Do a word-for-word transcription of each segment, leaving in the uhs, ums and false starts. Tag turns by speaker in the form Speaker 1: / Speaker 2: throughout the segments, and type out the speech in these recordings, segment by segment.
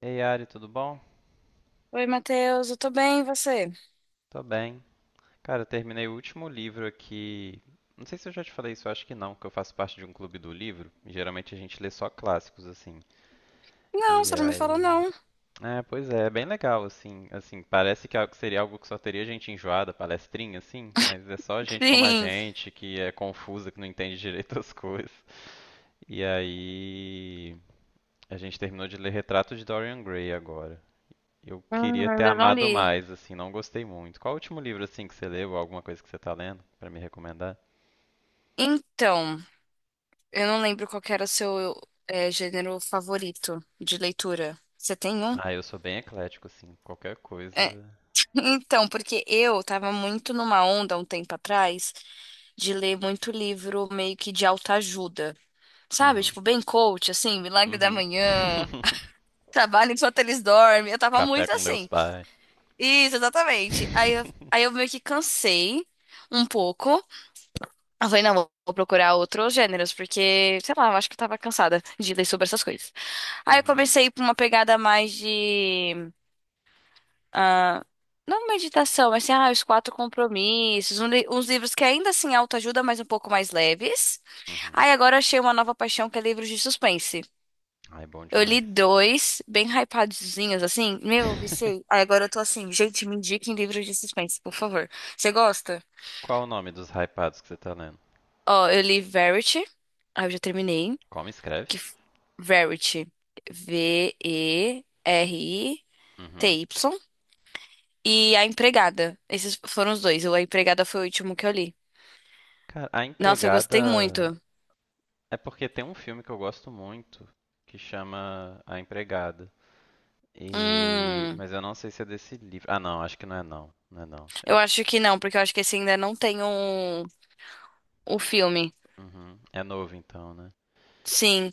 Speaker 1: Ei, Ari, tudo bom?
Speaker 2: Oi, Matheus, eu tô bem, e você?
Speaker 1: Tô bem. Cara, eu terminei o último livro aqui. Não sei se eu já te falei isso, eu acho que não, que eu faço parte de um clube do livro. E geralmente a gente lê só clássicos, assim.
Speaker 2: Não,
Speaker 1: E
Speaker 2: você não me falou
Speaker 1: aí.
Speaker 2: não.
Speaker 1: É, pois é, é bem legal, assim. Assim, parece que é algo- seria algo que só teria gente enjoada, palestrinha, assim, mas é só gente como a
Speaker 2: Sim.
Speaker 1: gente, que é confusa, que não entende direito as coisas. E aí. A gente terminou de ler Retrato de Dorian Gray agora. Eu
Speaker 2: Hum,
Speaker 1: queria ter
Speaker 2: ainda não
Speaker 1: amado
Speaker 2: li.
Speaker 1: mais, assim, não gostei muito. Qual o último livro, assim, que você leu, ou alguma coisa que você tá lendo, pra me recomendar?
Speaker 2: Então, eu não lembro qual que era o seu é, gênero favorito de leitura. Você tem um?
Speaker 1: Ah, eu sou bem eclético, assim, qualquer coisa.
Speaker 2: É. Então, porque eu tava muito numa onda um tempo atrás de ler muito livro meio que de autoajuda, sabe?
Speaker 1: Uhum.
Speaker 2: Tipo, bem coach, assim, Milagre da
Speaker 1: Uhum.
Speaker 2: Manhã, Trabalho enquanto eles dormem. Eu tava
Speaker 1: Café
Speaker 2: muito
Speaker 1: com Deus
Speaker 2: assim.
Speaker 1: Pai.
Speaker 2: Isso, exatamente. Aí eu, aí eu meio que cansei um pouco. Eu falei, não, vou vou procurar outros gêneros, porque, sei lá, eu acho que eu tava cansada de ler sobre essas coisas. Aí eu
Speaker 1: Uhum.
Speaker 2: comecei por uma pegada mais de ah, não meditação, mas assim, ah, os quatro compromissos, um li- uns livros que ainda assim autoajuda, mas um pouco mais leves.
Speaker 1: Uhum.
Speaker 2: Aí agora eu achei uma nova paixão que é livros de suspense.
Speaker 1: Ai, bom
Speaker 2: Eu li
Speaker 1: demais.
Speaker 2: dois, bem hypadozinhos, assim. Meu, eu viciei. Aí agora eu tô assim, gente, me indiquem livros de suspense, por favor. Você gosta?
Speaker 1: Qual o nome dos hypados que você tá lendo?
Speaker 2: Ó, eu li Verity. Aí eu já terminei.
Speaker 1: Como escreve?
Speaker 2: que f- Verity,
Speaker 1: Uhum.
Speaker 2: V E R I T Y, e R I T Y, e A Empregada. Esses foram os dois. O A Empregada foi o último que eu li.
Speaker 1: Cara, A
Speaker 2: Nossa, eu gostei
Speaker 1: Empregada.
Speaker 2: muito.
Speaker 1: É porque tem um filme que eu gosto muito que chama A Empregada. E...
Speaker 2: Hum,
Speaker 1: Mas eu não sei se é desse livro. Ah, não, acho que não é não. Não é não.
Speaker 2: eu
Speaker 1: Eu...
Speaker 2: acho que não, porque eu acho que esse ainda não tem um, o filme.
Speaker 1: Uhum. É novo então, né?
Speaker 2: Sim.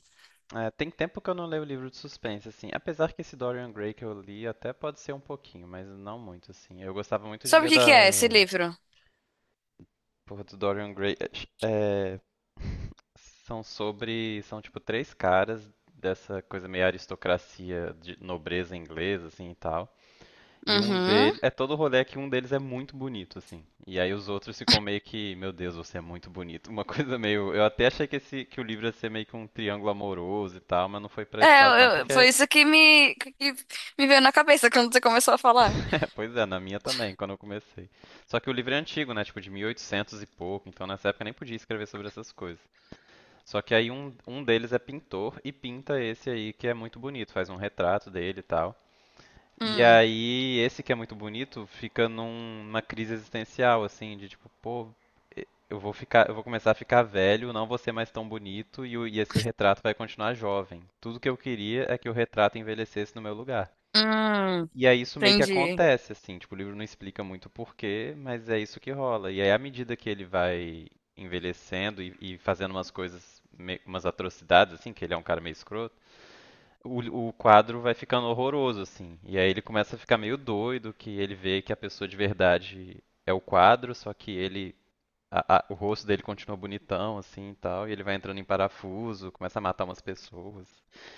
Speaker 1: É, tem tempo que eu não leio livro de suspense, assim. Apesar que esse Dorian Gray que eu li até pode ser um pouquinho, mas não muito, assim. Eu gostava muito de
Speaker 2: Sabe o
Speaker 1: ler
Speaker 2: que que é esse
Speaker 1: da...
Speaker 2: livro?
Speaker 1: Porra, do Dorian Gray. É, são sobre... São, tipo, três caras dessa coisa meio aristocracia de nobreza inglesa, assim, e tal. E um
Speaker 2: Uhum.
Speaker 1: deles. É todo rolê que um deles é muito bonito, assim. E aí os outros ficam meio que. Meu Deus, você é muito bonito. Uma coisa meio. Eu até achei que, esse... que o livro ia ser meio que um triângulo amoroso e tal, mas não foi pra esse
Speaker 2: É,
Speaker 1: lado, não.
Speaker 2: eu- eu- foi
Speaker 1: Porque.
Speaker 2: isso que me, que me veio na cabeça quando você começou a falar.
Speaker 1: Pois é, na minha também, quando eu comecei. Só que o livro é antigo, né? Tipo, de mil e oitocentos e oitocentos e pouco. Então nessa época eu nem podia escrever sobre essas coisas. Só que aí um, um deles é pintor e pinta esse aí que é muito bonito. Faz um retrato dele e tal. E
Speaker 2: Hum,
Speaker 1: aí, esse que é muito bonito, fica num- numa crise existencial, assim, de tipo, pô, e- eu vou ficar, eu vou começar a ficar velho, não vou ser mais tão bonito e, o- e esse retrato vai continuar jovem. Tudo que eu queria é que o retrato envelhecesse no meu lugar.
Speaker 2: hum,
Speaker 1: E aí isso meio que
Speaker 2: entendi.
Speaker 1: acontece, assim, tipo, o livro não explica muito o porquê, mas é isso que rola. E aí, à medida que ele vai envelhecendo e, e fazendo umas coisas, me- umas atrocidades, assim, que ele é um cara meio escroto, o, o quadro vai ficando horroroso, assim. E aí ele começa a ficar meio doido, que ele vê que a pessoa de verdade é o quadro, só que ele. a- a- o rosto dele continua bonitão, assim e tal, e ele vai entrando em parafuso, começa a matar umas pessoas.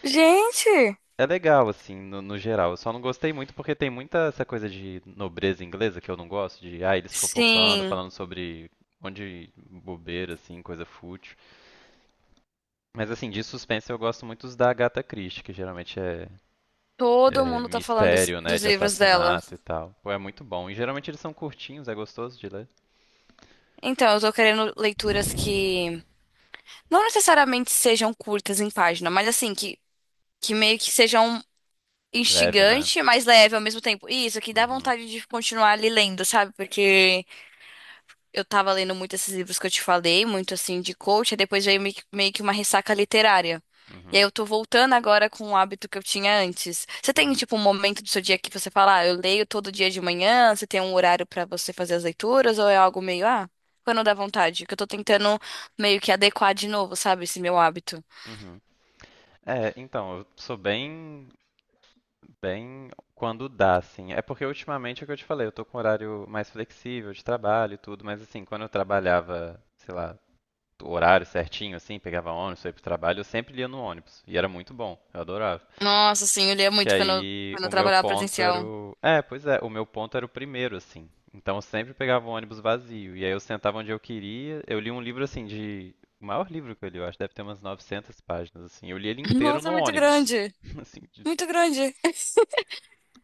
Speaker 2: Gente!
Speaker 1: É legal, assim, no, no geral. Eu só não gostei muito porque tem muita essa coisa de nobreza inglesa que eu não gosto, de, ah, eles fofocando,
Speaker 2: Sim.
Speaker 1: falando sobre um monte de bobeira, assim, coisa fútil. Mas, assim, de suspense eu gosto muito dos da Agatha Christie, que geralmente é
Speaker 2: Todo
Speaker 1: é,
Speaker 2: mundo tá falando des-
Speaker 1: mistério, né,
Speaker 2: dos
Speaker 1: de
Speaker 2: livros dela.
Speaker 1: assassinato e tal. Pô, é muito bom. E geralmente eles são curtinhos, é gostoso de ler.
Speaker 2: Então, eu tô querendo leituras que não necessariamente sejam curtas em página, mas assim, que, que meio que sejam
Speaker 1: Leve, né?
Speaker 2: instigante, mas leve ao mesmo tempo. E isso, que dá
Speaker 1: Uhum,
Speaker 2: vontade de continuar ali lendo, sabe? Porque eu tava lendo muito esses livros que eu te falei, muito assim de coach, aí depois veio meio que meio que uma ressaca literária. E aí
Speaker 1: uhum,
Speaker 2: eu tô voltando agora com o hábito que eu tinha antes. Você tem,
Speaker 1: uhum,
Speaker 2: tipo, um momento do seu dia que você fala, ah, eu leio todo dia de manhã, você tem um horário pra você fazer as leituras, ou é algo meio, ah, quando dá vontade? Que eu tô tentando meio que adequar de novo, sabe, esse meu hábito.
Speaker 1: uhum. É, então, eu sou bem, bem quando dá, assim. É porque ultimamente é o que eu te falei, eu tô com horário mais flexível de trabalho e tudo, mas assim, quando eu trabalhava, sei lá, o horário certinho, assim, pegava ônibus, ia pro trabalho, eu sempre lia no ônibus. E era muito bom, eu adorava.
Speaker 2: Nossa, sim eu lia
Speaker 1: Que
Speaker 2: muito quando, eu-
Speaker 1: aí
Speaker 2: quando
Speaker 1: o
Speaker 2: eu
Speaker 1: meu
Speaker 2: trabalhava
Speaker 1: ponto era
Speaker 2: presencial.
Speaker 1: o. É, pois é, o meu ponto era o primeiro, assim. Então eu sempre pegava um ônibus vazio. E aí eu sentava onde eu queria. Eu li um livro, assim, de. O maior livro que eu li, eu acho, deve ter umas novecentas páginas, assim. Eu li ele inteiro
Speaker 2: Nossa,
Speaker 1: no
Speaker 2: é muito
Speaker 1: ônibus.
Speaker 2: grande,
Speaker 1: Assim, de-
Speaker 2: muito grande.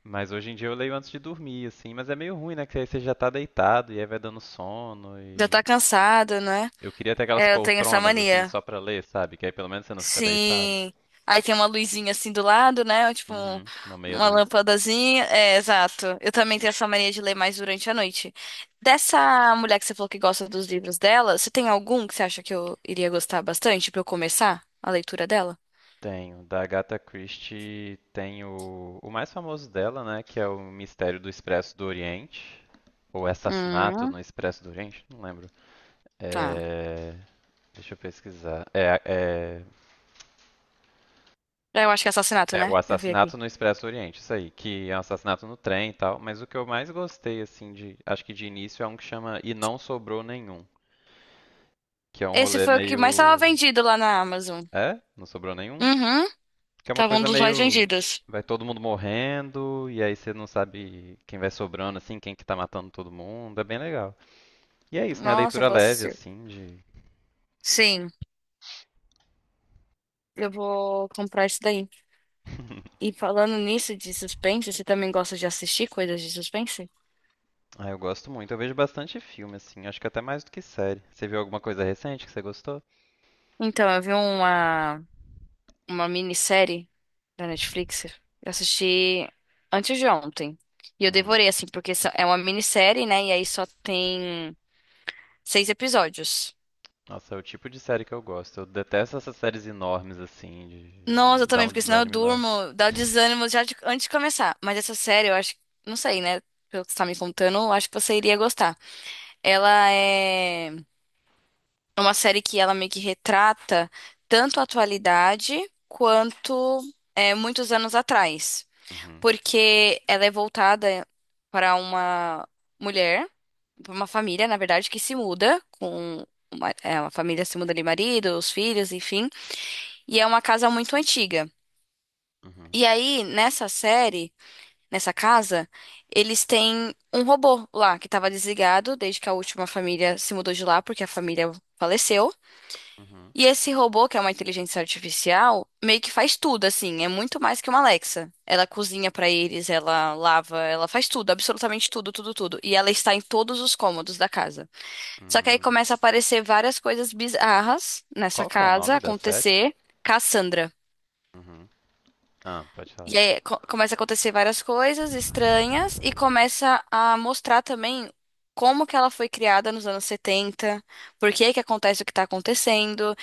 Speaker 1: mas hoje em dia eu leio antes de dormir, assim. Mas é meio ruim, né? Que aí você já tá deitado e aí vai dando sono.
Speaker 2: Já
Speaker 1: E.
Speaker 2: tá cansado, né?
Speaker 1: Eu queria ter aquelas
Speaker 2: É, eu tenho essa
Speaker 1: poltronas, assim,
Speaker 2: mania.
Speaker 1: só pra ler, sabe? Que aí pelo menos você não fica deitado.
Speaker 2: Sim. Aí tem uma luzinha assim do lado, né? Tipo, um-
Speaker 1: Uhum, uma meia
Speaker 2: uma
Speaker 1: luz.
Speaker 2: lâmpadazinha. É, exato. Eu também tenho essa mania de ler mais durante a noite. Dessa mulher que você falou que gosta dos livros dela, você tem algum que você acha que eu iria gostar bastante pra eu começar a leitura dela?
Speaker 1: Tenho. Da Agatha Christie tem o, o mais famoso dela, né? Que é o Mistério do Expresso do Oriente. Ou Assassinato
Speaker 2: Hum,
Speaker 1: no Expresso do Oriente, não lembro.
Speaker 2: tá.
Speaker 1: É, deixa eu pesquisar. É, é,
Speaker 2: Eu acho que é assassinato,
Speaker 1: é,
Speaker 2: né?
Speaker 1: o
Speaker 2: Eu vi aqui.
Speaker 1: assassinato no Expresso do Oriente, isso aí, que é um assassinato no trem e tal. Mas o que eu mais gostei, assim, de, acho que de início é um que chama E Não Sobrou Nenhum, que é um
Speaker 2: Esse
Speaker 1: rolê
Speaker 2: foi o que mais estava
Speaker 1: meio.
Speaker 2: vendido lá na Amazon.
Speaker 1: É? Não sobrou nenhum?
Speaker 2: Uhum.
Speaker 1: Que é uma
Speaker 2: Tava um
Speaker 1: coisa
Speaker 2: dos mais
Speaker 1: meio.
Speaker 2: vendidos.
Speaker 1: Vai todo mundo morrendo, e aí você não sabe quem vai sobrando, assim, quem que tá matando todo mundo. É bem legal. E é isso, né? A
Speaker 2: Nossa, eu
Speaker 1: leitura
Speaker 2: vou
Speaker 1: leve,
Speaker 2: assistir.
Speaker 1: assim, de.
Speaker 2: Sim, eu vou comprar esse daí. E falando nisso de suspense, você também gosta de assistir coisas de suspense?
Speaker 1: Ah, eu gosto muito. Eu vejo bastante filme, assim. Acho que até mais do que série. Você viu alguma coisa recente que você gostou?
Speaker 2: Então, eu vi uma, uma minissérie da Netflix. Eu assisti antes de ontem. E eu
Speaker 1: Uhum.
Speaker 2: devorei, assim, porque só- é uma minissérie, né? E aí só tem seis episódios.
Speaker 1: Nossa, é o tipo de série que eu gosto. Eu detesto essas séries enormes, assim,
Speaker 2: Nossa,
Speaker 1: de.
Speaker 2: eu
Speaker 1: Dá
Speaker 2: também,
Speaker 1: um
Speaker 2: porque senão eu
Speaker 1: desânimo enorme.
Speaker 2: durmo, dá o desânimo já de- antes de começar. Mas essa série, eu acho, não sei, né? Pelo que você tá me contando, eu acho que você iria gostar. Ela é. É uma série que ela meio que retrata tanto a atualidade quanto é, muitos anos atrás,
Speaker 1: Uhum.
Speaker 2: porque ela é voltada para uma mulher, para uma família, na verdade, que se muda com uma, é, uma família se muda de marido, os filhos, enfim, e é uma casa muito antiga.
Speaker 1: Uhum.
Speaker 2: E aí, nessa série, nessa casa, eles têm um robô lá que estava desligado desde que a última família se mudou de lá, porque a família faleceu.
Speaker 1: Uhum.
Speaker 2: E esse robô, que é uma inteligência artificial, meio que faz tudo, assim, é muito mais que uma Alexa. Ela cozinha pra eles, ela lava, ela faz tudo, absolutamente tudo, tudo, tudo. E ela está em todos os cômodos da casa. Só que aí
Speaker 1: Hum.
Speaker 2: começa a aparecer várias coisas bizarras nessa
Speaker 1: Qual que é o
Speaker 2: casa,
Speaker 1: nome da série?
Speaker 2: acontecer. Cassandra.
Speaker 1: Uhum. Ah, pode
Speaker 2: E
Speaker 1: falar.
Speaker 2: aí co- começa a acontecer várias coisas estranhas e começa a mostrar também como que ela foi criada nos anos setenta, por que que acontece o que está acontecendo.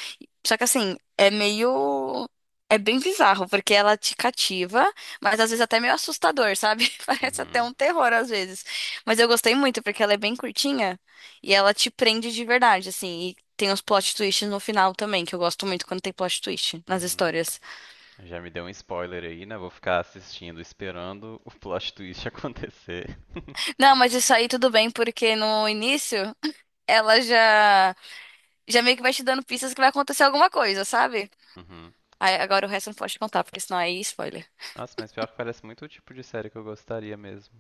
Speaker 2: Só que assim, é meio. É bem bizarro, porque ela te cativa, mas às vezes até meio assustador, sabe? Parece até
Speaker 1: Uhum.
Speaker 2: um terror às vezes. Mas eu gostei muito, porque ela é bem curtinha e ela te prende de verdade, assim. E tem os plot twists no final também, que eu gosto muito quando tem plot twist nas
Speaker 1: Uhum.
Speaker 2: histórias.
Speaker 1: Já me deu um spoiler aí, né? Vou ficar assistindo, esperando o plot twist acontecer.
Speaker 2: Não, mas isso aí tudo bem, porque no início ela já, já meio que vai te dando pistas que vai acontecer alguma coisa, sabe?
Speaker 1: Uhum.
Speaker 2: Aí, agora o resto eu não pode contar, porque senão aí é spoiler.
Speaker 1: Nossa, mas pior que parece muito o tipo de série que eu gostaria mesmo.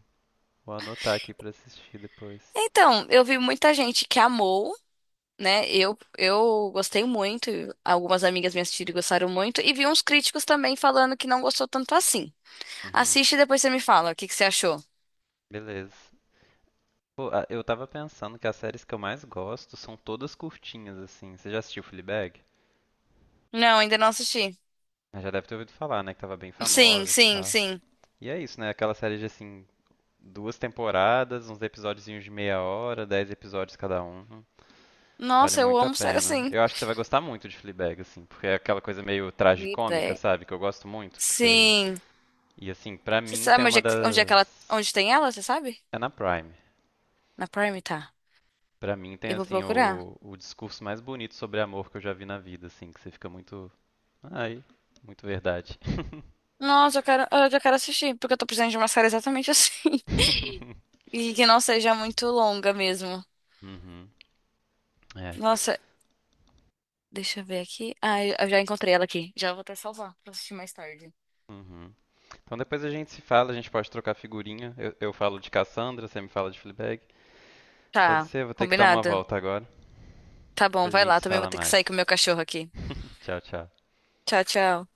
Speaker 1: Vou anotar aqui pra assistir depois.
Speaker 2: Então, eu vi muita gente que amou, né? Eu, eu gostei muito, algumas amigas me assistiram e gostaram muito, e vi uns críticos também falando que não gostou tanto assim.
Speaker 1: Uhum.
Speaker 2: Assiste e depois você me fala o que que você achou.
Speaker 1: Beleza. Pô, ah, eu tava pensando que as séries que eu mais gosto são todas curtinhas, assim. Você já assistiu Fleabag?
Speaker 2: Não, ainda não assisti.
Speaker 1: Ah, já deve ter ouvido falar, né? Que tava bem
Speaker 2: Sim,
Speaker 1: famosa e
Speaker 2: sim,
Speaker 1: tal.
Speaker 2: sim.
Speaker 1: E é isso, né? Aquela série de, assim, duas temporadas, uns episódiozinhos de meia hora, dez episódios cada um. Vale
Speaker 2: Nossa, eu
Speaker 1: muito a
Speaker 2: amo série
Speaker 1: pena.
Speaker 2: assim.
Speaker 1: Eu acho que você vai gostar muito de Fleabag, assim, porque é aquela coisa meio tragicômica,
Speaker 2: Fleabag.
Speaker 1: sabe? Que eu gosto muito, que você...
Speaker 2: Sim.
Speaker 1: E assim, pra
Speaker 2: Você
Speaker 1: mim tem
Speaker 2: sabe onde
Speaker 1: uma
Speaker 2: é, que- onde é que ela,
Speaker 1: das...
Speaker 2: onde tem ela, você sabe?
Speaker 1: É na Prime.
Speaker 2: Na Prime, tá.
Speaker 1: Pra mim tem,
Speaker 2: Eu vou
Speaker 1: assim,
Speaker 2: procurar.
Speaker 1: o, o discurso mais bonito sobre amor que eu já vi na vida, assim, que você fica muito... Ai, muito verdade.
Speaker 2: Nossa, eu quero, eu já quero assistir, porque eu tô precisando de uma série exatamente assim. E que não seja muito longa mesmo.
Speaker 1: Uhum, é.
Speaker 2: Nossa, deixa eu ver aqui. Ah, eu eu já encontrei ela aqui. Já vou até salvar pra assistir mais tarde.
Speaker 1: Uhum. Então depois a gente se fala, a gente pode trocar figurinha. Eu, eu falo de Cassandra, você me fala de Fleabag. Pode
Speaker 2: Tá,
Speaker 1: ser, eu vou ter que dar uma
Speaker 2: combinado.
Speaker 1: volta agora.
Speaker 2: Tá
Speaker 1: Depois
Speaker 2: bom,
Speaker 1: a
Speaker 2: vai
Speaker 1: gente
Speaker 2: lá.
Speaker 1: se
Speaker 2: Também vou
Speaker 1: fala
Speaker 2: ter que
Speaker 1: mais.
Speaker 2: sair com o meu cachorro aqui.
Speaker 1: Tchau, tchau.
Speaker 2: Tchau, tchau.